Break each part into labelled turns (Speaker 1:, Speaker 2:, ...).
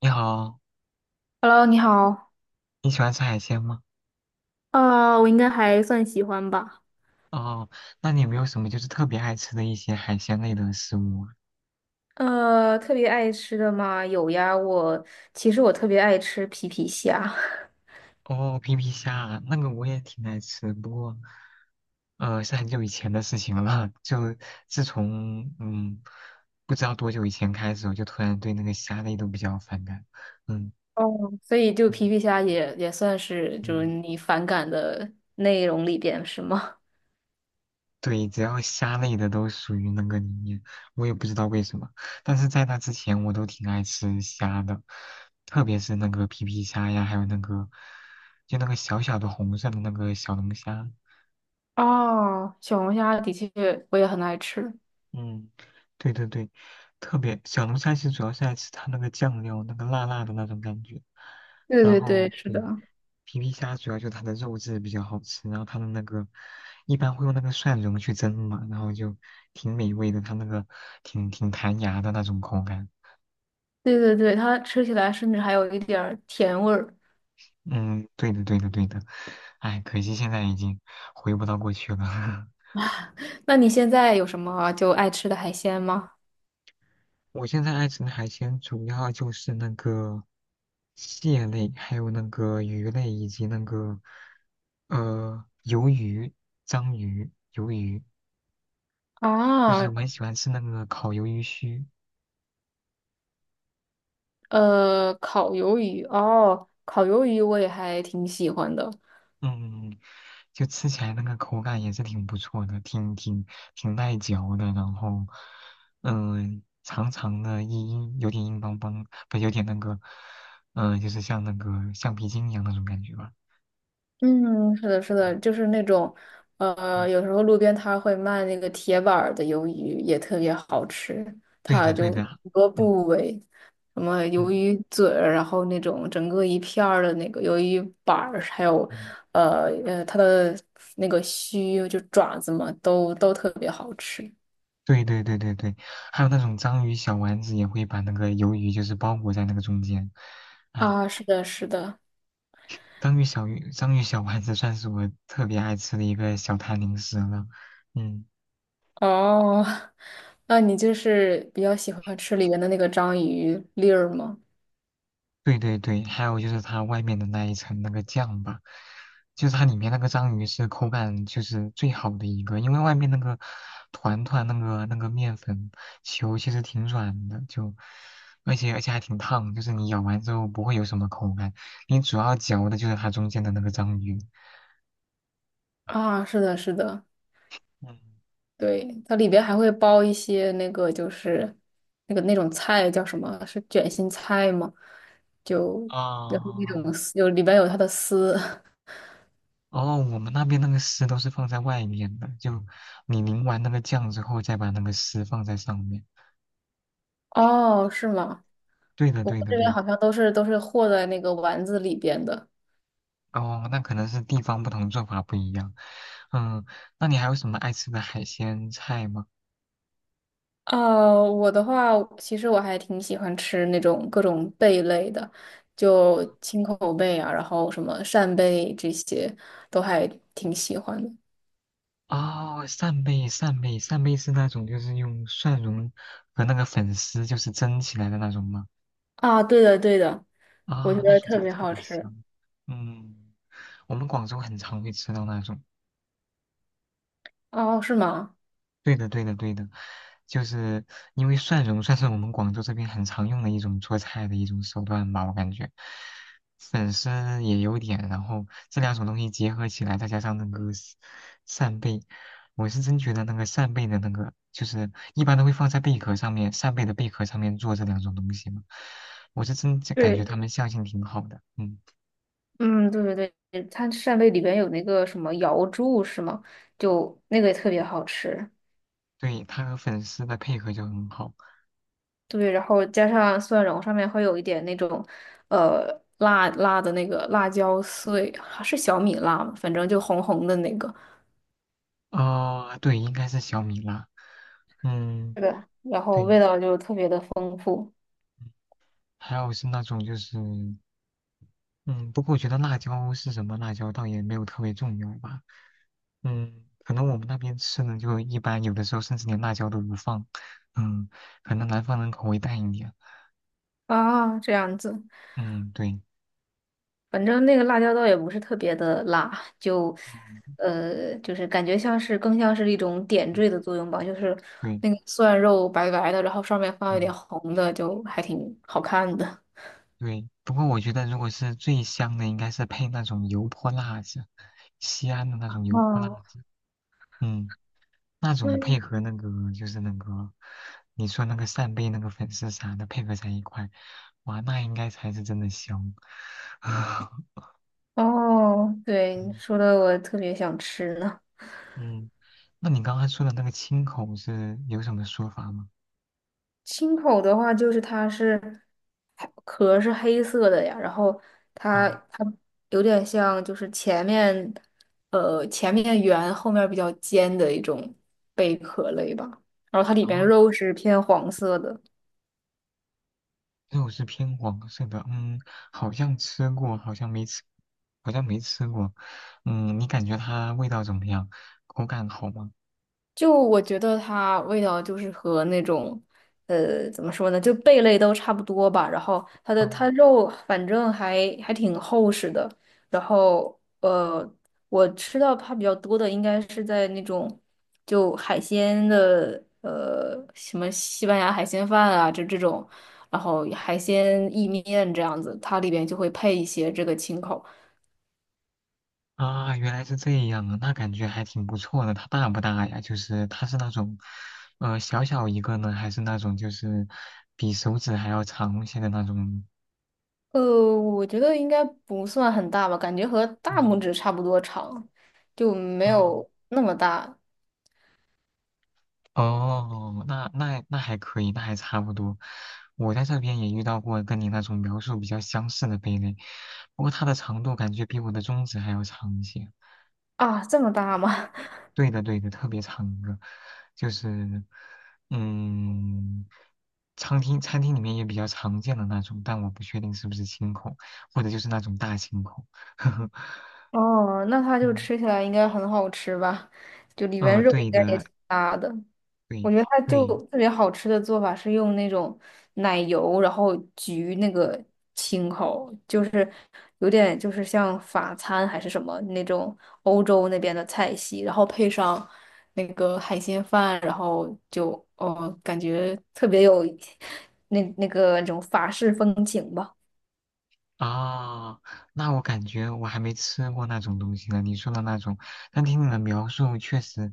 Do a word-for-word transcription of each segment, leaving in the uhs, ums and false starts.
Speaker 1: 你好，
Speaker 2: Hello，你好。
Speaker 1: 你喜欢吃海鲜吗？
Speaker 2: 啊，我应该还算喜欢吧。
Speaker 1: 哦，那你有没有什么就是特别爱吃的一些海鲜类的食物啊？
Speaker 2: 呃，特别爱吃的嘛，有呀。我其实我特别爱吃皮皮虾。
Speaker 1: 哦，皮皮虾啊那个我也挺爱吃，不过，呃，是很久以前的事情了。就自从嗯，不知道多久以前开始，我就突然对那个虾类都比较反感。嗯
Speaker 2: 哦，所以就皮
Speaker 1: 嗯
Speaker 2: 皮虾也也算是就是
Speaker 1: 嗯
Speaker 2: 你反感的内容里边是吗？
Speaker 1: 对，只要虾类的都属于那个里面，我也不知道为什么。但是在那之前，我都挺爱吃虾的，特别是那个皮皮虾呀，还有那个就那个小小的红色的那个小龙虾。
Speaker 2: 哦，小龙虾的确我也很爱吃。
Speaker 1: 嗯，对对对，特别小龙虾其实主要是爱吃它那个酱料，那个辣辣的那种感觉。
Speaker 2: 对
Speaker 1: 然嗯
Speaker 2: 对对，
Speaker 1: 后
Speaker 2: 是
Speaker 1: 对，
Speaker 2: 的，
Speaker 1: 皮皮虾主要就它的肉质比较好吃，然后它的那个一般会用那个蒜蓉去蒸嘛，然后就挺美味的，它那个挺挺弹牙的那种口感。
Speaker 2: 对对对，它吃起来甚至还有一点儿甜味儿。
Speaker 1: 嗯，对的，对的，对的。哎，可惜现在已经回不到过去了。
Speaker 2: 那你现在有什么就爱吃的海鲜吗？
Speaker 1: 我现在爱吃的海鲜主要就是那个蟹类，还有那个鱼类，以及那个呃鱿鱼、章鱼、鱿鱼，就是我
Speaker 2: 啊。
Speaker 1: 很喜欢吃那个烤鱿鱼须。
Speaker 2: 呃，烤鱿鱼哦，烤鱿鱼我也还挺喜欢的。
Speaker 1: 嗯，就吃起来那个口感也是挺不错的，挺挺挺耐嚼的，然后，嗯、长长的硬硬，有点硬邦邦，不有点那个，嗯、就是像那个橡皮筋一样那种感觉吧。
Speaker 2: 嗯，是的，是的，就是那种，
Speaker 1: 嗯嗯，
Speaker 2: 呃，有时候路边摊会卖那个铁板儿的鱿鱼，也特别好吃。
Speaker 1: 对
Speaker 2: 它
Speaker 1: 的对
Speaker 2: 就
Speaker 1: 的，
Speaker 2: 很多
Speaker 1: 嗯
Speaker 2: 部位，什么鱿
Speaker 1: 嗯
Speaker 2: 鱼嘴儿然后那种整个一片儿的那个鱿鱼板儿还有，
Speaker 1: 嗯，
Speaker 2: 呃呃，它的那个须就爪子嘛，都都特别好吃。
Speaker 1: 对对对对对，还有那种章鱼小丸子也会把那个鱿鱼就是包裹在那个中间，哎，
Speaker 2: 啊，是的，是的。
Speaker 1: 章鱼小鱼章鱼小丸子算是我特别爱吃的一个小摊零食了，嗯。
Speaker 2: 哦，那你就是比较喜欢吃里面的那个章鱼粒儿吗？
Speaker 1: 对对对，还有就是它外面的那一层那个酱吧，就是它里面那个章鱼是口感就是最好的一个，因为外面那个团团那个那个面粉球其实挺软的，就而且而且还挺烫，就是你咬完之后不会有什么口感，你主要嚼的就是它中间的那个章鱼。
Speaker 2: 啊，是的，是的，
Speaker 1: 嗯
Speaker 2: 对，它里边还会包一些那个就是那个那种菜叫什么？是卷心菜吗？就
Speaker 1: 啊。
Speaker 2: 然后那
Speaker 1: 哦
Speaker 2: 种丝有里边有它的丝。
Speaker 1: 哦，我们那边那个丝都是放在外面的，就你淋完那个酱之后，再把那个丝放在上面。
Speaker 2: 哦，是吗？
Speaker 1: 对的，
Speaker 2: 我们
Speaker 1: 对的，
Speaker 2: 这
Speaker 1: 对
Speaker 2: 边
Speaker 1: 的。
Speaker 2: 好像都是都是和在那个丸子里边的。
Speaker 1: 哦，那可能是地方不同，做法不一样。嗯，那你还有什么爱吃的海鲜菜吗？
Speaker 2: 呃，我的话，其实我还挺喜欢吃那种各种贝类的，就青口贝啊，然后什么扇贝这些，都还挺喜欢的。
Speaker 1: 哦，扇贝，扇贝，扇贝是那种就是用蒜蓉和那个粉丝就是蒸起来的那种吗？
Speaker 2: 啊，对的，对的，我觉
Speaker 1: 啊、那
Speaker 2: 得
Speaker 1: 种真
Speaker 2: 特
Speaker 1: 的
Speaker 2: 别
Speaker 1: 特
Speaker 2: 好
Speaker 1: 别
Speaker 2: 吃。
Speaker 1: 香。嗯，我们广州很常会吃到那种。
Speaker 2: 哦，是吗？
Speaker 1: 对的，对的，对的，就是因为蒜蓉算是我们广州这边很常用的一种做菜的一种手段吧，我感觉粉丝也有点，然后这两种东西结合起来，再加上那个扇扇贝，我是真觉得那个扇贝的那个，就是一般都会放在贝壳上面，扇贝的贝壳上面做这两种东西嘛，我是真就感觉
Speaker 2: 对。
Speaker 1: 他们相性挺好的，嗯，
Speaker 2: 嗯，对对对，它扇贝里边有那个什么瑶柱是吗？就那个也特别好吃。
Speaker 1: 对，它和粉丝的配合就很好，
Speaker 2: 对，然后加上蒜蓉，上面会有一点那种，呃，辣辣的那个辣椒碎，是小米辣吗？反正就红红的那个，
Speaker 1: 哦、对，应该是小米辣，嗯，
Speaker 2: 是的，然后
Speaker 1: 对。
Speaker 2: 味道就特别的丰富。
Speaker 1: 还有是那种就是，嗯，不过我觉得辣椒是什么辣椒倒也没有特别重要吧，嗯，可能我们那边吃的就一般，有的时候甚至连辣椒都不放，嗯，可能南方人口味淡一点，
Speaker 2: 啊，这样子，
Speaker 1: 嗯，对，
Speaker 2: 反正那个辣椒倒也不是特别的辣，就，
Speaker 1: 嗯
Speaker 2: 呃，就是感觉像是更像是一种点
Speaker 1: 嗯
Speaker 2: 缀的作用吧，就是
Speaker 1: 对，
Speaker 2: 那个蒜肉白白的，然后上面放一点
Speaker 1: 嗯
Speaker 2: 红的，就还挺好看的。
Speaker 1: 对，不过我觉得如果是最香的，应该是配那种油泼辣子，西安的那种油泼辣
Speaker 2: 哦，
Speaker 1: 子，嗯。那种配合那个就是那个，你说那个扇贝那个粉丝啥的配合在一块，哇，那应该才是真的香。啊，
Speaker 2: 哦，对，你
Speaker 1: 嗯
Speaker 2: 说的我特别想吃呢。
Speaker 1: 嗯，那你刚刚说的那个青口是有什么说法吗？
Speaker 2: 青口的话，就是它是它壳是黑色的呀，然后它
Speaker 1: 哦，
Speaker 2: 它有点像就是前面呃前面圆后面比较尖的一种贝壳类吧，然后它里边
Speaker 1: 啊，
Speaker 2: 肉是偏黄色的。
Speaker 1: 肉是偏黄色的，嗯，好像吃过，好像没吃，好像没吃过。嗯，你感觉它味道怎么样？口感好吗？
Speaker 2: 就我觉得它味道就是和那种，呃，怎么说呢，就贝类都差不多吧。然后它的
Speaker 1: 哦
Speaker 2: 它肉反正还还挺厚实的。然后呃，我吃到它比较多的应该是在那种就海鲜的，呃，什么西班牙海鲜饭啊，这这种，然后海鲜意面这样子，它里边就会配一些这个青口。
Speaker 1: 啊，原来是这样啊，那感觉还挺不错的。它大不大呀？就是它是那种，呃，小小一个呢，还是那种就是比手指还要长一些的那种？
Speaker 2: 呃，我觉得应该不算很大吧，感觉和大拇
Speaker 1: 嗯，
Speaker 2: 指差不多长，就没
Speaker 1: 啊，
Speaker 2: 有那么大。
Speaker 1: 哦，那那那还可以，那还差不多。我在这边也遇到过跟你那种描述比较相似的贝类，不过它的长度感觉比我的中指还要长一些。
Speaker 2: 啊，这么大吗？
Speaker 1: 对的，对的，特别长一个，就是，嗯，餐厅餐厅里面也比较常见的那种，但我不确定是不是清孔，或者就是那种大青孔。
Speaker 2: 哦，那它就
Speaker 1: 嗯，
Speaker 2: 吃起来应该很好吃吧？就里边
Speaker 1: 呃，
Speaker 2: 肉应
Speaker 1: 对
Speaker 2: 该也
Speaker 1: 的，
Speaker 2: 挺大的。
Speaker 1: 对
Speaker 2: 我觉得它就
Speaker 1: 对，
Speaker 2: 特别好吃的做法是用那种奶油，然后焗那个青口，就是有点就是像法餐还是什么那种欧洲那边的菜系，然后配上那个海鲜饭，然后就哦感觉特别有那那个那种法式风情吧。
Speaker 1: 啊，那我感觉我还没吃过那种东西呢。你说的那种，但听你的描述，确实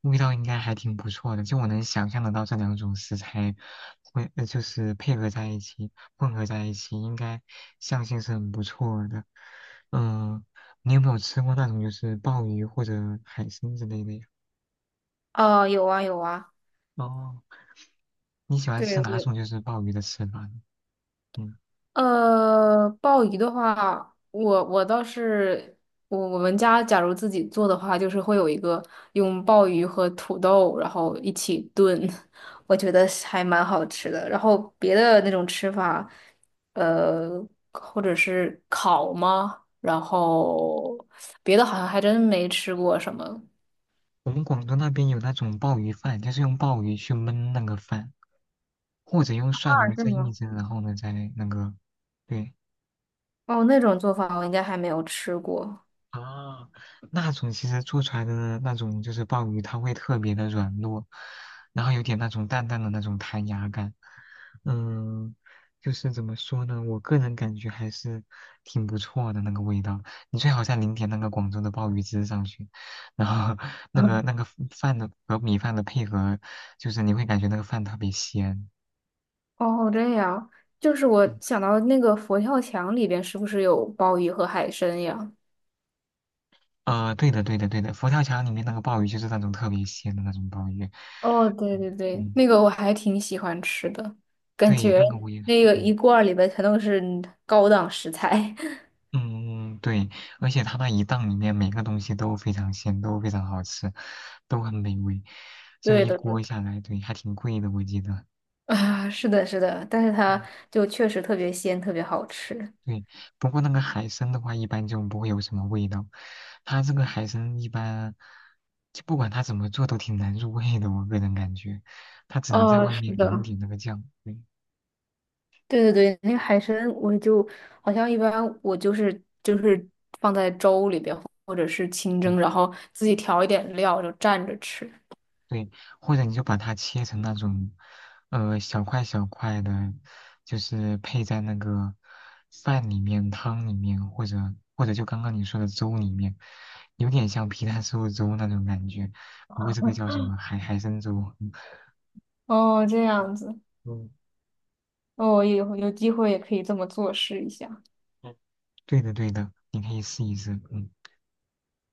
Speaker 1: 味道应该还挺不错的。就我能想象得到这两种食材会，呃就是配合在一起、混合在一起，应该相性是很不错的。嗯，你有没有吃过那种就是鲍鱼或者海参之类的呀？
Speaker 2: 啊，有啊有啊，
Speaker 1: 哦，你喜欢
Speaker 2: 对，
Speaker 1: 吃哪
Speaker 2: 我
Speaker 1: 种就是鲍鱼的吃法呢？嗯，
Speaker 2: 呃，鲍鱼的话，我我倒是我我们家假如自己做的话，就是会有一个用鲍鱼和土豆然后一起炖。我觉得是还蛮好吃的。然后别的那种吃法，呃，或者是烤吗？然后别的好像还真没吃过什么。
Speaker 1: 我们广东那边有那种鲍鱼饭，就是用鲍鱼去焖那个饭。或者用蒜蓉
Speaker 2: 是
Speaker 1: 蒸一
Speaker 2: 吗？
Speaker 1: 蒸，然后呢再那个，对
Speaker 2: 哦，那种做法我应该还没有吃过。
Speaker 1: 啊，那种其实做出来的那种就是鲍鱼，它会特别的软糯，然后有点那种淡淡的那种弹牙感，嗯，就是怎么说呢，我个人感觉还是挺不错的那个味道。你最好再淋点那个广州的鲍鱼汁上去，然后那个那个饭的和米饭的配合，就是你会感觉那个饭特别鲜。
Speaker 2: 哦，这样，就是我
Speaker 1: 嗯
Speaker 2: 想到那个佛跳墙里边是不是有鲍鱼和海参呀？
Speaker 1: 呃，对的，对的，对的，佛跳墙里面那个鲍鱼就是那种特别鲜的那种鲍鱼，
Speaker 2: 哦，对
Speaker 1: 嗯
Speaker 2: 对对，
Speaker 1: 嗯
Speaker 2: 那个我还挺喜欢吃的，感
Speaker 1: 对，
Speaker 2: 觉
Speaker 1: 那个我也，
Speaker 2: 那个
Speaker 1: 嗯
Speaker 2: 一罐儿里边全都是高档食材。
Speaker 1: 嗯，对，而且它那一档里面每个东西都非常鲜，都非常好吃，都很美味，就
Speaker 2: 对
Speaker 1: 一
Speaker 2: 的，对
Speaker 1: 锅
Speaker 2: 的。
Speaker 1: 下来，对，还挺贵的，我记得，
Speaker 2: 啊，是的，是的，但是它
Speaker 1: 嗯，
Speaker 2: 就确实特别鲜，特别好吃。
Speaker 1: 对，不过那个海参的话，一般就不会有什么味道，它这个海参一般，就不管它怎么做都挺难入味的，我个人感觉，它只能在
Speaker 2: 哦，
Speaker 1: 外
Speaker 2: 是
Speaker 1: 面淋一
Speaker 2: 的，
Speaker 1: 点那个酱，对。
Speaker 2: 对对对，那个海参我就好像一般我就是就是放在粥里边或者是清
Speaker 1: 嗯。
Speaker 2: 蒸，然后自己调一点料就蘸着吃。
Speaker 1: 对，或者你就把它切成那种，呃，小块小块的，就是配在那个饭里面、汤里面，或者或者就刚刚你说的粥里面，有点像皮蛋瘦肉粥那种感觉。不过这个叫什么海海参粥？
Speaker 2: 哦，这样子，
Speaker 1: 嗯，
Speaker 2: 哦，有有机会也可以这么做试一下。
Speaker 1: 嗯，对的对的，你可以试一试。嗯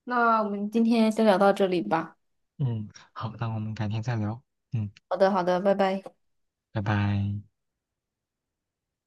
Speaker 2: 那我们今天先聊到这里吧。
Speaker 1: 嗯，好，那我们改天再聊。嗯，
Speaker 2: 好的，好的，拜拜。
Speaker 1: 拜拜。